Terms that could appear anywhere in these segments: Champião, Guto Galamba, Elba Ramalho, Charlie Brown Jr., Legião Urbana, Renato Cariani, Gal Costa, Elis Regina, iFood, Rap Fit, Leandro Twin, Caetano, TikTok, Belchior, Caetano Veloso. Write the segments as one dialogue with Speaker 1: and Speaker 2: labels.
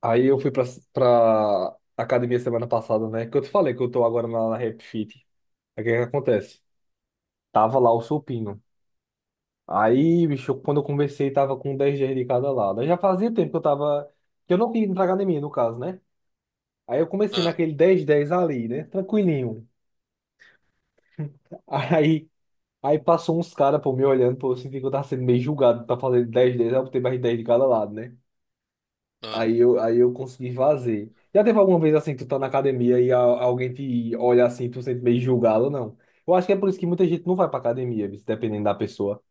Speaker 1: Aí eu fui pra academia semana passada, né? Que eu te falei que eu tô agora na Rap Fit. Aí o que que acontece? Tava lá o supino. Aí, bicho, quando eu conversei, tava com 10 dias de cada lado. Aí já fazia tempo que eu tava. Que eu não queria ir pra academia, no caso, né? Aí eu comecei
Speaker 2: Ah,
Speaker 1: naquele dez dez ali, né? Tranquilinho. Aí, aí passou uns caras, pô, me olhando, pô, eu senti que eu tava sendo meio julgado pra fazer dez dez, aí eu botei mais 10 de cada lado, né?
Speaker 2: ah.
Speaker 1: Aí eu consegui fazer. Já teve alguma vez assim, tu tá na academia e alguém te olha assim, tu sente meio julgado ou não? Eu acho que é por isso que muita gente não vai pra academia, bicho, dependendo da pessoa.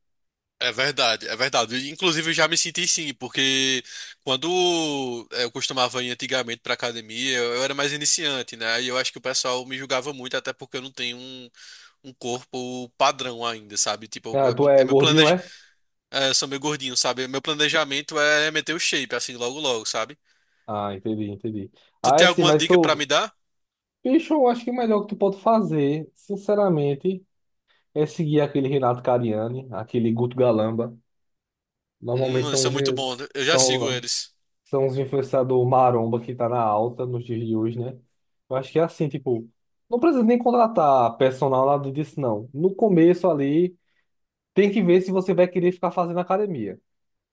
Speaker 2: É verdade, é verdade. E, inclusive, eu já me senti sim, porque quando eu costumava ir antigamente para academia, eu era mais iniciante, né? E eu acho que o pessoal me julgava muito, até porque eu não tenho um corpo padrão ainda, sabe? Tipo,
Speaker 1: Ah, tu é
Speaker 2: é meu
Speaker 1: gordinho,
Speaker 2: planejamento
Speaker 1: é?
Speaker 2: é, eu sou meio gordinho, sabe? Meu planejamento é meter o shape, assim, logo logo, sabe?
Speaker 1: Ah, entendi, entendi.
Speaker 2: Tu
Speaker 1: Ah, é
Speaker 2: tem
Speaker 1: sim,
Speaker 2: alguma
Speaker 1: mas
Speaker 2: dica para
Speaker 1: tu.
Speaker 2: me dar?
Speaker 1: Bicho, eu acho que o melhor que tu pode fazer, sinceramente, é seguir aquele Renato Cariani, aquele Guto Galamba. Normalmente
Speaker 2: Eles
Speaker 1: são
Speaker 2: são muito bons,
Speaker 1: os.
Speaker 2: eu já sigo
Speaker 1: São,
Speaker 2: eles.
Speaker 1: são os influenciadores maromba que tá na alta nos dias de hoje, né? Eu acho que é assim, tipo, não precisa nem contratar personal, nada disso, não. No começo ali, tem que ver se você vai querer ficar fazendo academia.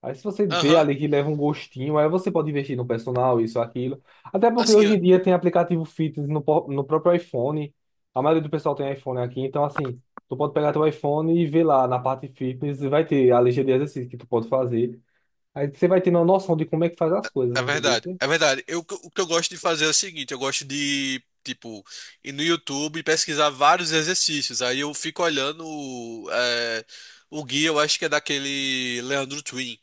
Speaker 1: Aí se você vê
Speaker 2: Aham.
Speaker 1: ali que leva um gostinho, aí você pode investir no personal, isso, aquilo. Até porque hoje
Speaker 2: Assim,
Speaker 1: em dia tem aplicativo fitness no próprio iPhone. A maioria do pessoal tem iPhone aqui, então assim, tu pode pegar teu iPhone e ver lá na parte fitness, vai ter a lista de exercícios que tu pode fazer. Aí você vai tendo uma noção de como é que faz as coisas,
Speaker 2: é
Speaker 1: entendeu?
Speaker 2: verdade, é verdade. Eu, o que eu gosto de fazer é o seguinte, eu gosto de, tipo, ir no YouTube e pesquisar vários exercícios. Aí eu fico olhando é, o guia, eu acho que é daquele Leandro Twin.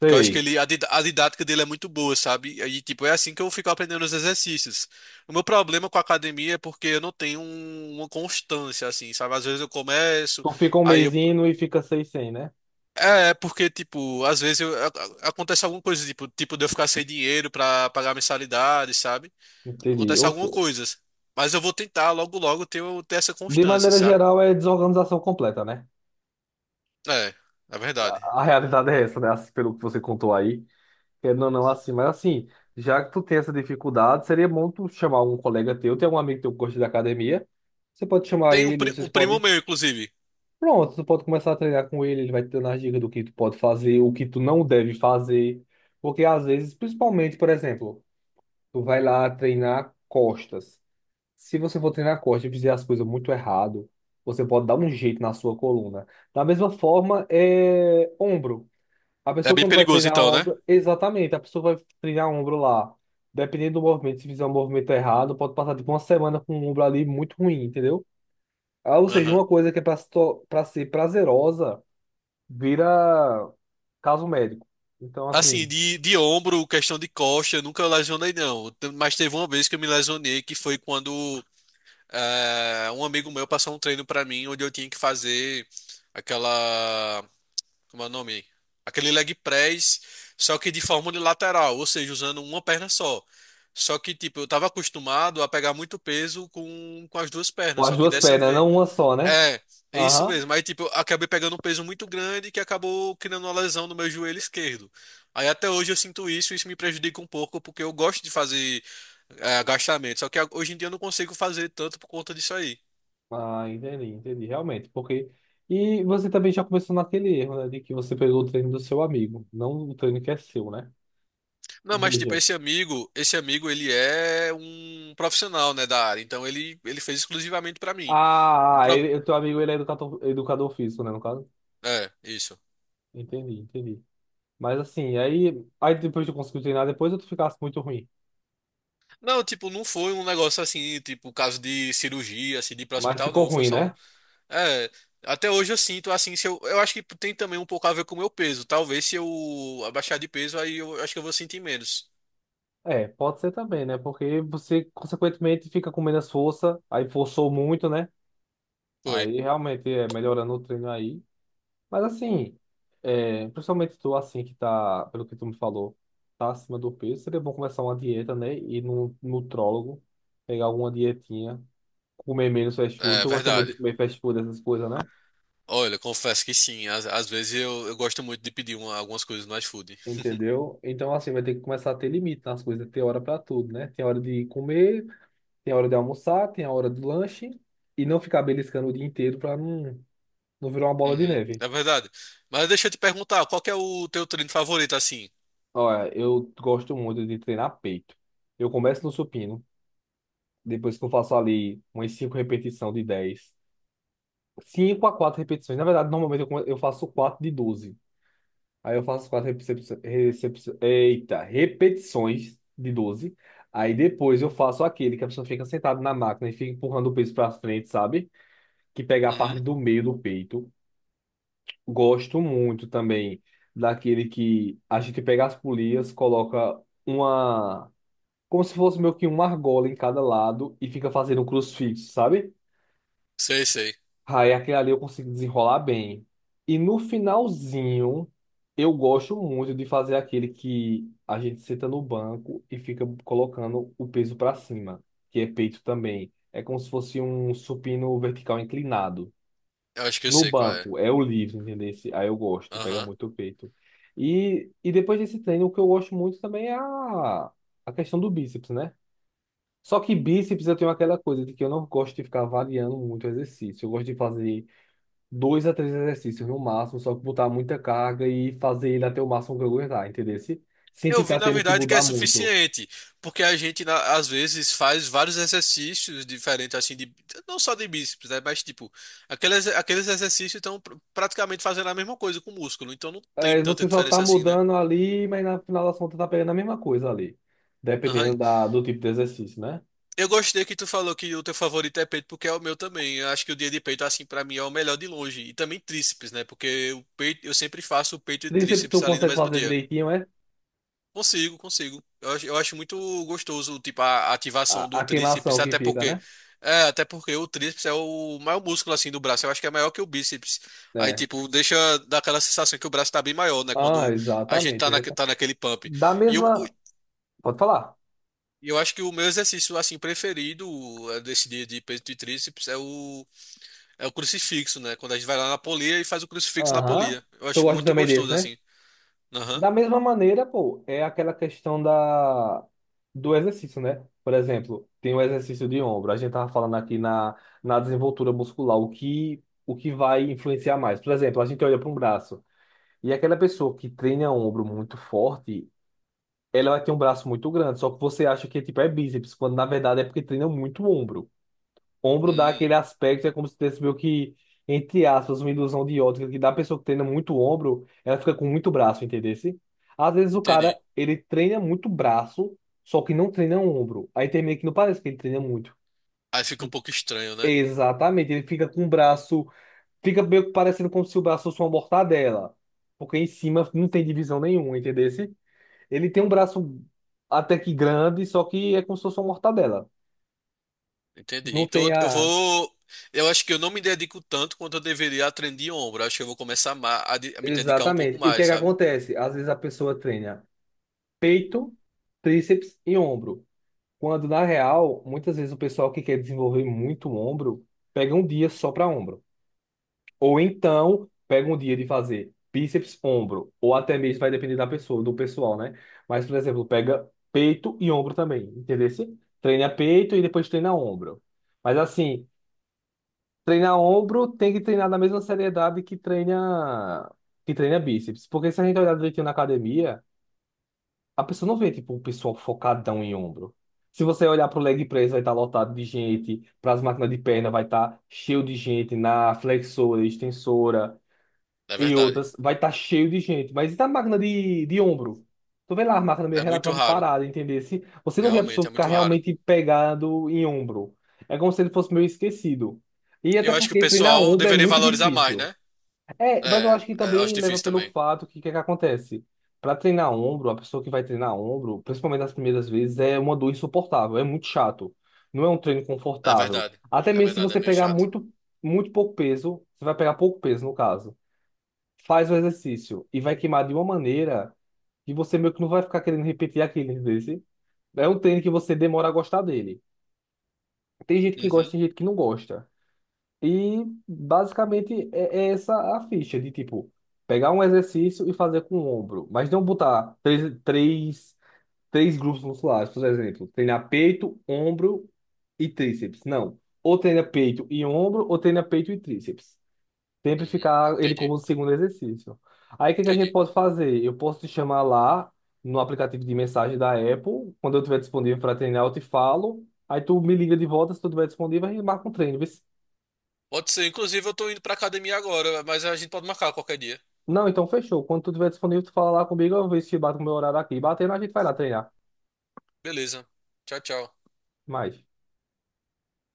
Speaker 2: Porque eu acho que
Speaker 1: Sei.
Speaker 2: ele, a didática dele é muito boa, sabe? Aí, tipo, é assim que eu fico aprendendo os exercícios. O meu problema com a academia é porque eu não tenho uma constância, assim, sabe? Às vezes eu começo,
Speaker 1: Tu fica um
Speaker 2: aí eu
Speaker 1: mêsinho e fica seis sem, né?
Speaker 2: é, é, porque, tipo, às vezes eu- a- acontece alguma coisa, tipo, de eu ficar sem dinheiro pra pagar a mensalidade, sabe?
Speaker 1: Entendi.
Speaker 2: Acontece
Speaker 1: Ou
Speaker 2: alguma
Speaker 1: seja,
Speaker 2: coisa. Mas eu vou tentar logo logo ter, ter essa
Speaker 1: de
Speaker 2: constância,
Speaker 1: maneira
Speaker 2: sabe?
Speaker 1: geral, é desorganização completa, né?
Speaker 2: É, é verdade.
Speaker 1: A realidade é essa, né? Assim, pelo que você contou aí. Querendo ou não, assim. Mas assim, já que tu tem essa dificuldade, seria bom tu chamar algum colega teu. Tem algum amigo teu que gosta de academia. Você pode chamar
Speaker 2: Tem
Speaker 1: ele, vocês
Speaker 2: um primo
Speaker 1: podem.
Speaker 2: meu, inclusive.
Speaker 1: Pronto, tu pode começar a treinar com ele. Ele vai te dando as dicas do que tu pode fazer, o que tu não deve fazer. Porque às vezes, principalmente, por exemplo, tu vai lá treinar costas. Se você for treinar corte e fizer as coisas muito errado, você pode dar um jeito na sua coluna. Da mesma forma, é ombro. A
Speaker 2: É
Speaker 1: pessoa
Speaker 2: bem
Speaker 1: quando vai
Speaker 2: perigoso,
Speaker 1: treinar
Speaker 2: então, né?
Speaker 1: ombro, exatamente, a pessoa vai treinar ombro lá. Dependendo do movimento, se fizer um movimento errado, pode passar tipo uma semana com o ombro ali muito ruim, entendeu? Ah, ou seja,
Speaker 2: Aham.
Speaker 1: uma coisa que é para ser prazerosa, vira caso médico. Então, assim,
Speaker 2: Assim, de ombro, questão de costa, eu nunca lesionei, não. Mas teve uma vez que eu me lesionei, que foi quando um amigo meu passou um treino pra mim, onde eu tinha que fazer aquela. Como é o nome? Aquele leg press, só que de forma unilateral, ou seja, usando uma perna só. Só que, tipo, eu tava acostumado a pegar muito peso com as duas
Speaker 1: com
Speaker 2: pernas,
Speaker 1: as
Speaker 2: só que
Speaker 1: duas
Speaker 2: dessa
Speaker 1: pernas, né?
Speaker 2: vez.
Speaker 1: Não uma só, né?
Speaker 2: É, é isso
Speaker 1: Aham.
Speaker 2: mesmo. Aí, tipo, eu acabei pegando um peso muito grande que acabou criando uma lesão no meu joelho esquerdo. Aí até hoje eu sinto isso, e isso me prejudica um pouco, porque eu gosto de fazer agachamento, só que hoje em dia eu não consigo fazer tanto por conta disso aí.
Speaker 1: Ah, entendi, entendi, realmente, porque. E você também já começou naquele erro, né, de que você pegou o treino do seu amigo, não o treino que é seu, né?
Speaker 2: Não, mas tipo,
Speaker 1: Veja.
Speaker 2: esse amigo, ele é um profissional, né, da área. Então ele fez exclusivamente pra mim. Um
Speaker 1: Ah,
Speaker 2: pro...
Speaker 1: ele, o teu amigo, ele é educador, educador físico, né, no caso?
Speaker 2: É, isso.
Speaker 1: Entendi, entendi. Mas assim, aí, aí depois de conseguir treinar, depois eu ficasse muito ruim.
Speaker 2: Não, tipo, não foi um negócio assim, tipo, caso de cirurgia, assim, de ir pra
Speaker 1: Mas
Speaker 2: hospital,
Speaker 1: ficou
Speaker 2: não. Foi
Speaker 1: ruim,
Speaker 2: só um.
Speaker 1: né?
Speaker 2: É, até hoje eu sinto assim, se eu, eu acho que tem também um pouco a ver com o meu peso. Talvez se eu abaixar de peso, aí eu acho que eu vou sentir menos.
Speaker 1: É, pode ser também, né? Porque você, consequentemente, fica com menos força, aí forçou muito, né?
Speaker 2: Foi.
Speaker 1: Aí realmente é melhorando o treino aí. Mas assim, é, principalmente tu assim que tá, pelo que tu me falou, tá acima do peso, seria bom começar uma dieta, né? Ir num nutrólogo, pegar alguma dietinha, comer menos fast food.
Speaker 2: É,
Speaker 1: Tu gosta muito
Speaker 2: verdade.
Speaker 1: de comer fast food, essas coisas, né?
Speaker 2: Olha, confesso que sim. Às vezes eu gosto muito de pedir algumas coisas no iFood.
Speaker 1: Entendeu? Então assim, vai ter que começar a ter limite nas coisas, ter hora pra tudo, né? Tem hora de comer, tem hora de almoçar, tem a hora do lanche, e não ficar beliscando o dia inteiro pra não, não virar uma bola de
Speaker 2: Uhum,
Speaker 1: neve.
Speaker 2: é verdade. Mas deixa eu te perguntar, qual que é o teu treino favorito, assim?
Speaker 1: Olha, eu gosto muito de treinar peito. Eu começo no supino. Depois que eu faço ali umas 5 repetições de dez, 5 a 4 repetições. Na verdade, normalmente eu, eu faço 4 de 12. Aí eu faço 4 recepções. Eita, repetições de 12. Aí depois eu faço aquele que a pessoa fica sentada na máquina e fica empurrando o peso para frente, sabe? Que pega a parte
Speaker 2: Uhum,
Speaker 1: do meio do peito. Gosto muito também daquele que a gente pega as polias, coloca uma. Como se fosse meio que uma argola em cada lado e fica fazendo um crucifixo, sabe?
Speaker 2: sei, sei.
Speaker 1: Aí aquele ali eu consigo desenrolar bem. E no finalzinho, eu gosto muito de fazer aquele que a gente senta no banco e fica colocando o peso para cima, que é peito também. É como se fosse um supino vertical inclinado.
Speaker 2: Eu acho que eu
Speaker 1: No
Speaker 2: sei qual é.
Speaker 1: banco, é o livre, entendeu? Aí eu gosto, pega
Speaker 2: Aham.
Speaker 1: muito o peito. E depois desse treino, o que eu gosto muito também é a questão do bíceps, né? Só que bíceps eu tenho aquela coisa de que eu não gosto de ficar variando muito o exercício. Eu gosto de fazer dois a três exercícios no máximo, só que botar muita carga e fazer ele até o máximo que eu aguentar, entendeu? Sem
Speaker 2: Eu vi,
Speaker 1: ficar
Speaker 2: na
Speaker 1: tendo que
Speaker 2: verdade, que é
Speaker 1: mudar muito.
Speaker 2: suficiente, porque a gente, às vezes, faz vários exercícios diferentes, assim, de, não só de bíceps, né? Mas, tipo, aqueles exercícios estão praticamente fazendo a mesma coisa com o músculo, então não tem
Speaker 1: É,
Speaker 2: tanta
Speaker 1: você só tá
Speaker 2: diferença assim, né?
Speaker 1: mudando ali, mas na final das contas tá pegando a mesma coisa ali,
Speaker 2: Aham,
Speaker 1: dependendo do tipo de exercício, né?
Speaker 2: eu gostei que tu falou que o teu favorito é peito, porque é o meu também. Eu acho que o dia de peito, assim, pra mim é o melhor de longe. E também tríceps, né? Porque o peito, eu sempre faço o peito e
Speaker 1: Tríceps tu
Speaker 2: tríceps ali no
Speaker 1: consegue
Speaker 2: mesmo
Speaker 1: fazer
Speaker 2: dia.
Speaker 1: direitinho, é?
Speaker 2: Consigo, consigo. Eu acho muito gostoso, tipo, a ativação
Speaker 1: A,
Speaker 2: do
Speaker 1: a
Speaker 2: tríceps,
Speaker 1: queimação que
Speaker 2: até
Speaker 1: fica,
Speaker 2: porque.
Speaker 1: né?
Speaker 2: É, até porque o tríceps é o maior músculo, assim, do braço. Eu acho que é maior que o bíceps. Aí,
Speaker 1: É.
Speaker 2: tipo, deixa daquela sensação que o braço tá bem maior, né?
Speaker 1: Ah,
Speaker 2: Quando a gente
Speaker 1: exatamente,
Speaker 2: tá,
Speaker 1: exatamente.
Speaker 2: tá naquele pump.
Speaker 1: Da
Speaker 2: E, o-
Speaker 1: mesma. Pode falar.
Speaker 2: e eu acho que o meu exercício assim preferido desse dia de peito e tríceps é o é o crucifixo, né? Quando a gente vai lá na polia e faz o crucifixo na polia.
Speaker 1: Aham.
Speaker 2: Eu
Speaker 1: Tu
Speaker 2: acho
Speaker 1: gosta
Speaker 2: muito
Speaker 1: também desse,
Speaker 2: gostoso
Speaker 1: né?
Speaker 2: assim. Aham.
Speaker 1: Da mesma maneira, pô, é aquela questão da do exercício, né? Por exemplo, tem o exercício de ombro. A gente tava falando aqui na desenvoltura muscular, o que vai influenciar mais. Por exemplo, a gente olha para um braço e aquela pessoa que treina ombro muito forte, ela vai ter um braço muito grande, só que você acha que tipo é bíceps, quando na verdade é porque treina muito ombro. Ombro dá
Speaker 2: Hum,
Speaker 1: aquele aspecto, é como se tivesse meio que, entre aspas, uma ilusão de ótica, que da pessoa que treina muito ombro, ela fica com muito braço, entendesse? Às vezes o cara,
Speaker 2: entendi.
Speaker 1: ele treina muito braço, só que não treina ombro. Aí termina que não parece que ele treina muito.
Speaker 2: Aí fica um pouco estranho, né?
Speaker 1: Exatamente, ele fica com o braço, fica meio que parecendo como se o braço fosse uma mortadela, porque em cima não tem divisão nenhuma, entendesse? Ele tem um braço até que grande, só que é como se fosse uma mortadela.
Speaker 2: Entendi.
Speaker 1: Não
Speaker 2: Então
Speaker 1: tem
Speaker 2: eu
Speaker 1: a.
Speaker 2: vou, eu acho que eu não me dedico tanto quanto eu deveria a treino de ombro. Eu acho que eu vou começar a, a me dedicar um pouco
Speaker 1: Exatamente. E o que é
Speaker 2: mais,
Speaker 1: que
Speaker 2: sabe?
Speaker 1: acontece? Às vezes a pessoa treina peito, tríceps e ombro. Quando, na real, muitas vezes o pessoal que quer desenvolver muito o ombro, pega um dia só para ombro. Ou então, pega um dia de fazer bíceps, ombro. Ou até mesmo, vai depender da pessoa, do pessoal, né? Mas, por exemplo, pega peito e ombro também, entendeu? Treina peito e depois treina ombro. Mas, assim, treinar ombro tem que treinar na mesma seriedade que treina bíceps. Porque se a gente olhar direitinho na academia, a pessoa não vê, tipo, o pessoal focadão em ombro. Se você olhar pro leg press, vai estar lotado de gente. Para as máquinas de perna, vai estar cheio de gente na flexora, extensora
Speaker 2: É
Speaker 1: e
Speaker 2: verdade.
Speaker 1: outras, vai estar cheio de gente. Mas e da máquina de ombro? Tu vê lá a máquina meio
Speaker 2: É muito
Speaker 1: relativamente
Speaker 2: raro.
Speaker 1: parada, entender? Se você não vê a pessoa
Speaker 2: Realmente é
Speaker 1: ficar
Speaker 2: muito raro.
Speaker 1: realmente pegado em ombro. É como se ele fosse meio esquecido. E até
Speaker 2: Eu acho que o
Speaker 1: porque treinar
Speaker 2: pessoal
Speaker 1: ombro é
Speaker 2: deveria
Speaker 1: muito
Speaker 2: valorizar mais,
Speaker 1: difícil.
Speaker 2: né?
Speaker 1: É, mas eu
Speaker 2: É,
Speaker 1: acho que
Speaker 2: é, eu acho
Speaker 1: também leva
Speaker 2: difícil
Speaker 1: pelo
Speaker 2: também.
Speaker 1: fato que o que, é que acontece? Para treinar ombro, a pessoa que vai treinar ombro, principalmente nas primeiras vezes, é uma dor insuportável, é muito chato. Não é um treino
Speaker 2: É
Speaker 1: confortável.
Speaker 2: verdade.
Speaker 1: Até
Speaker 2: É
Speaker 1: mesmo se
Speaker 2: verdade, é
Speaker 1: você
Speaker 2: meio
Speaker 1: pegar
Speaker 2: chato.
Speaker 1: muito, muito pouco peso, você vai pegar pouco peso no caso, faz o exercício e vai queimar de uma maneira que você meio que não vai ficar querendo repetir aquele desse. É um treino que você demora a gostar dele. Tem gente que gosta,
Speaker 2: Uhum,
Speaker 1: tem gente que não gosta. E basicamente é essa a ficha de tipo pegar um exercício e fazer com o ombro, mas não botar três grupos musculares, por exemplo, treinar peito, ombro e tríceps. Não. Ou treina peito e ombro, ou treina peito e tríceps. Sempre
Speaker 2: uhum,
Speaker 1: ficar ele
Speaker 2: entendi,
Speaker 1: como segundo exercício. Aí o que que a gente
Speaker 2: entendi.
Speaker 1: pode fazer? Eu posso te chamar lá no aplicativo de mensagem da Apple. Quando eu estiver disponível para treinar, eu te falo. Aí tu me liga de volta se tu estiver disponível, a gente marca um treino. Vê se-
Speaker 2: Pode ser, inclusive eu tô indo pra academia agora, mas a gente pode marcar qualquer dia.
Speaker 1: Não, então fechou. Quando tu estiver disponível, tu fala lá comigo, eu vejo se bate com o meu horário aqui. Batendo, a gente vai lá treinar.
Speaker 2: Beleza. Tchau, tchau.
Speaker 1: Mais.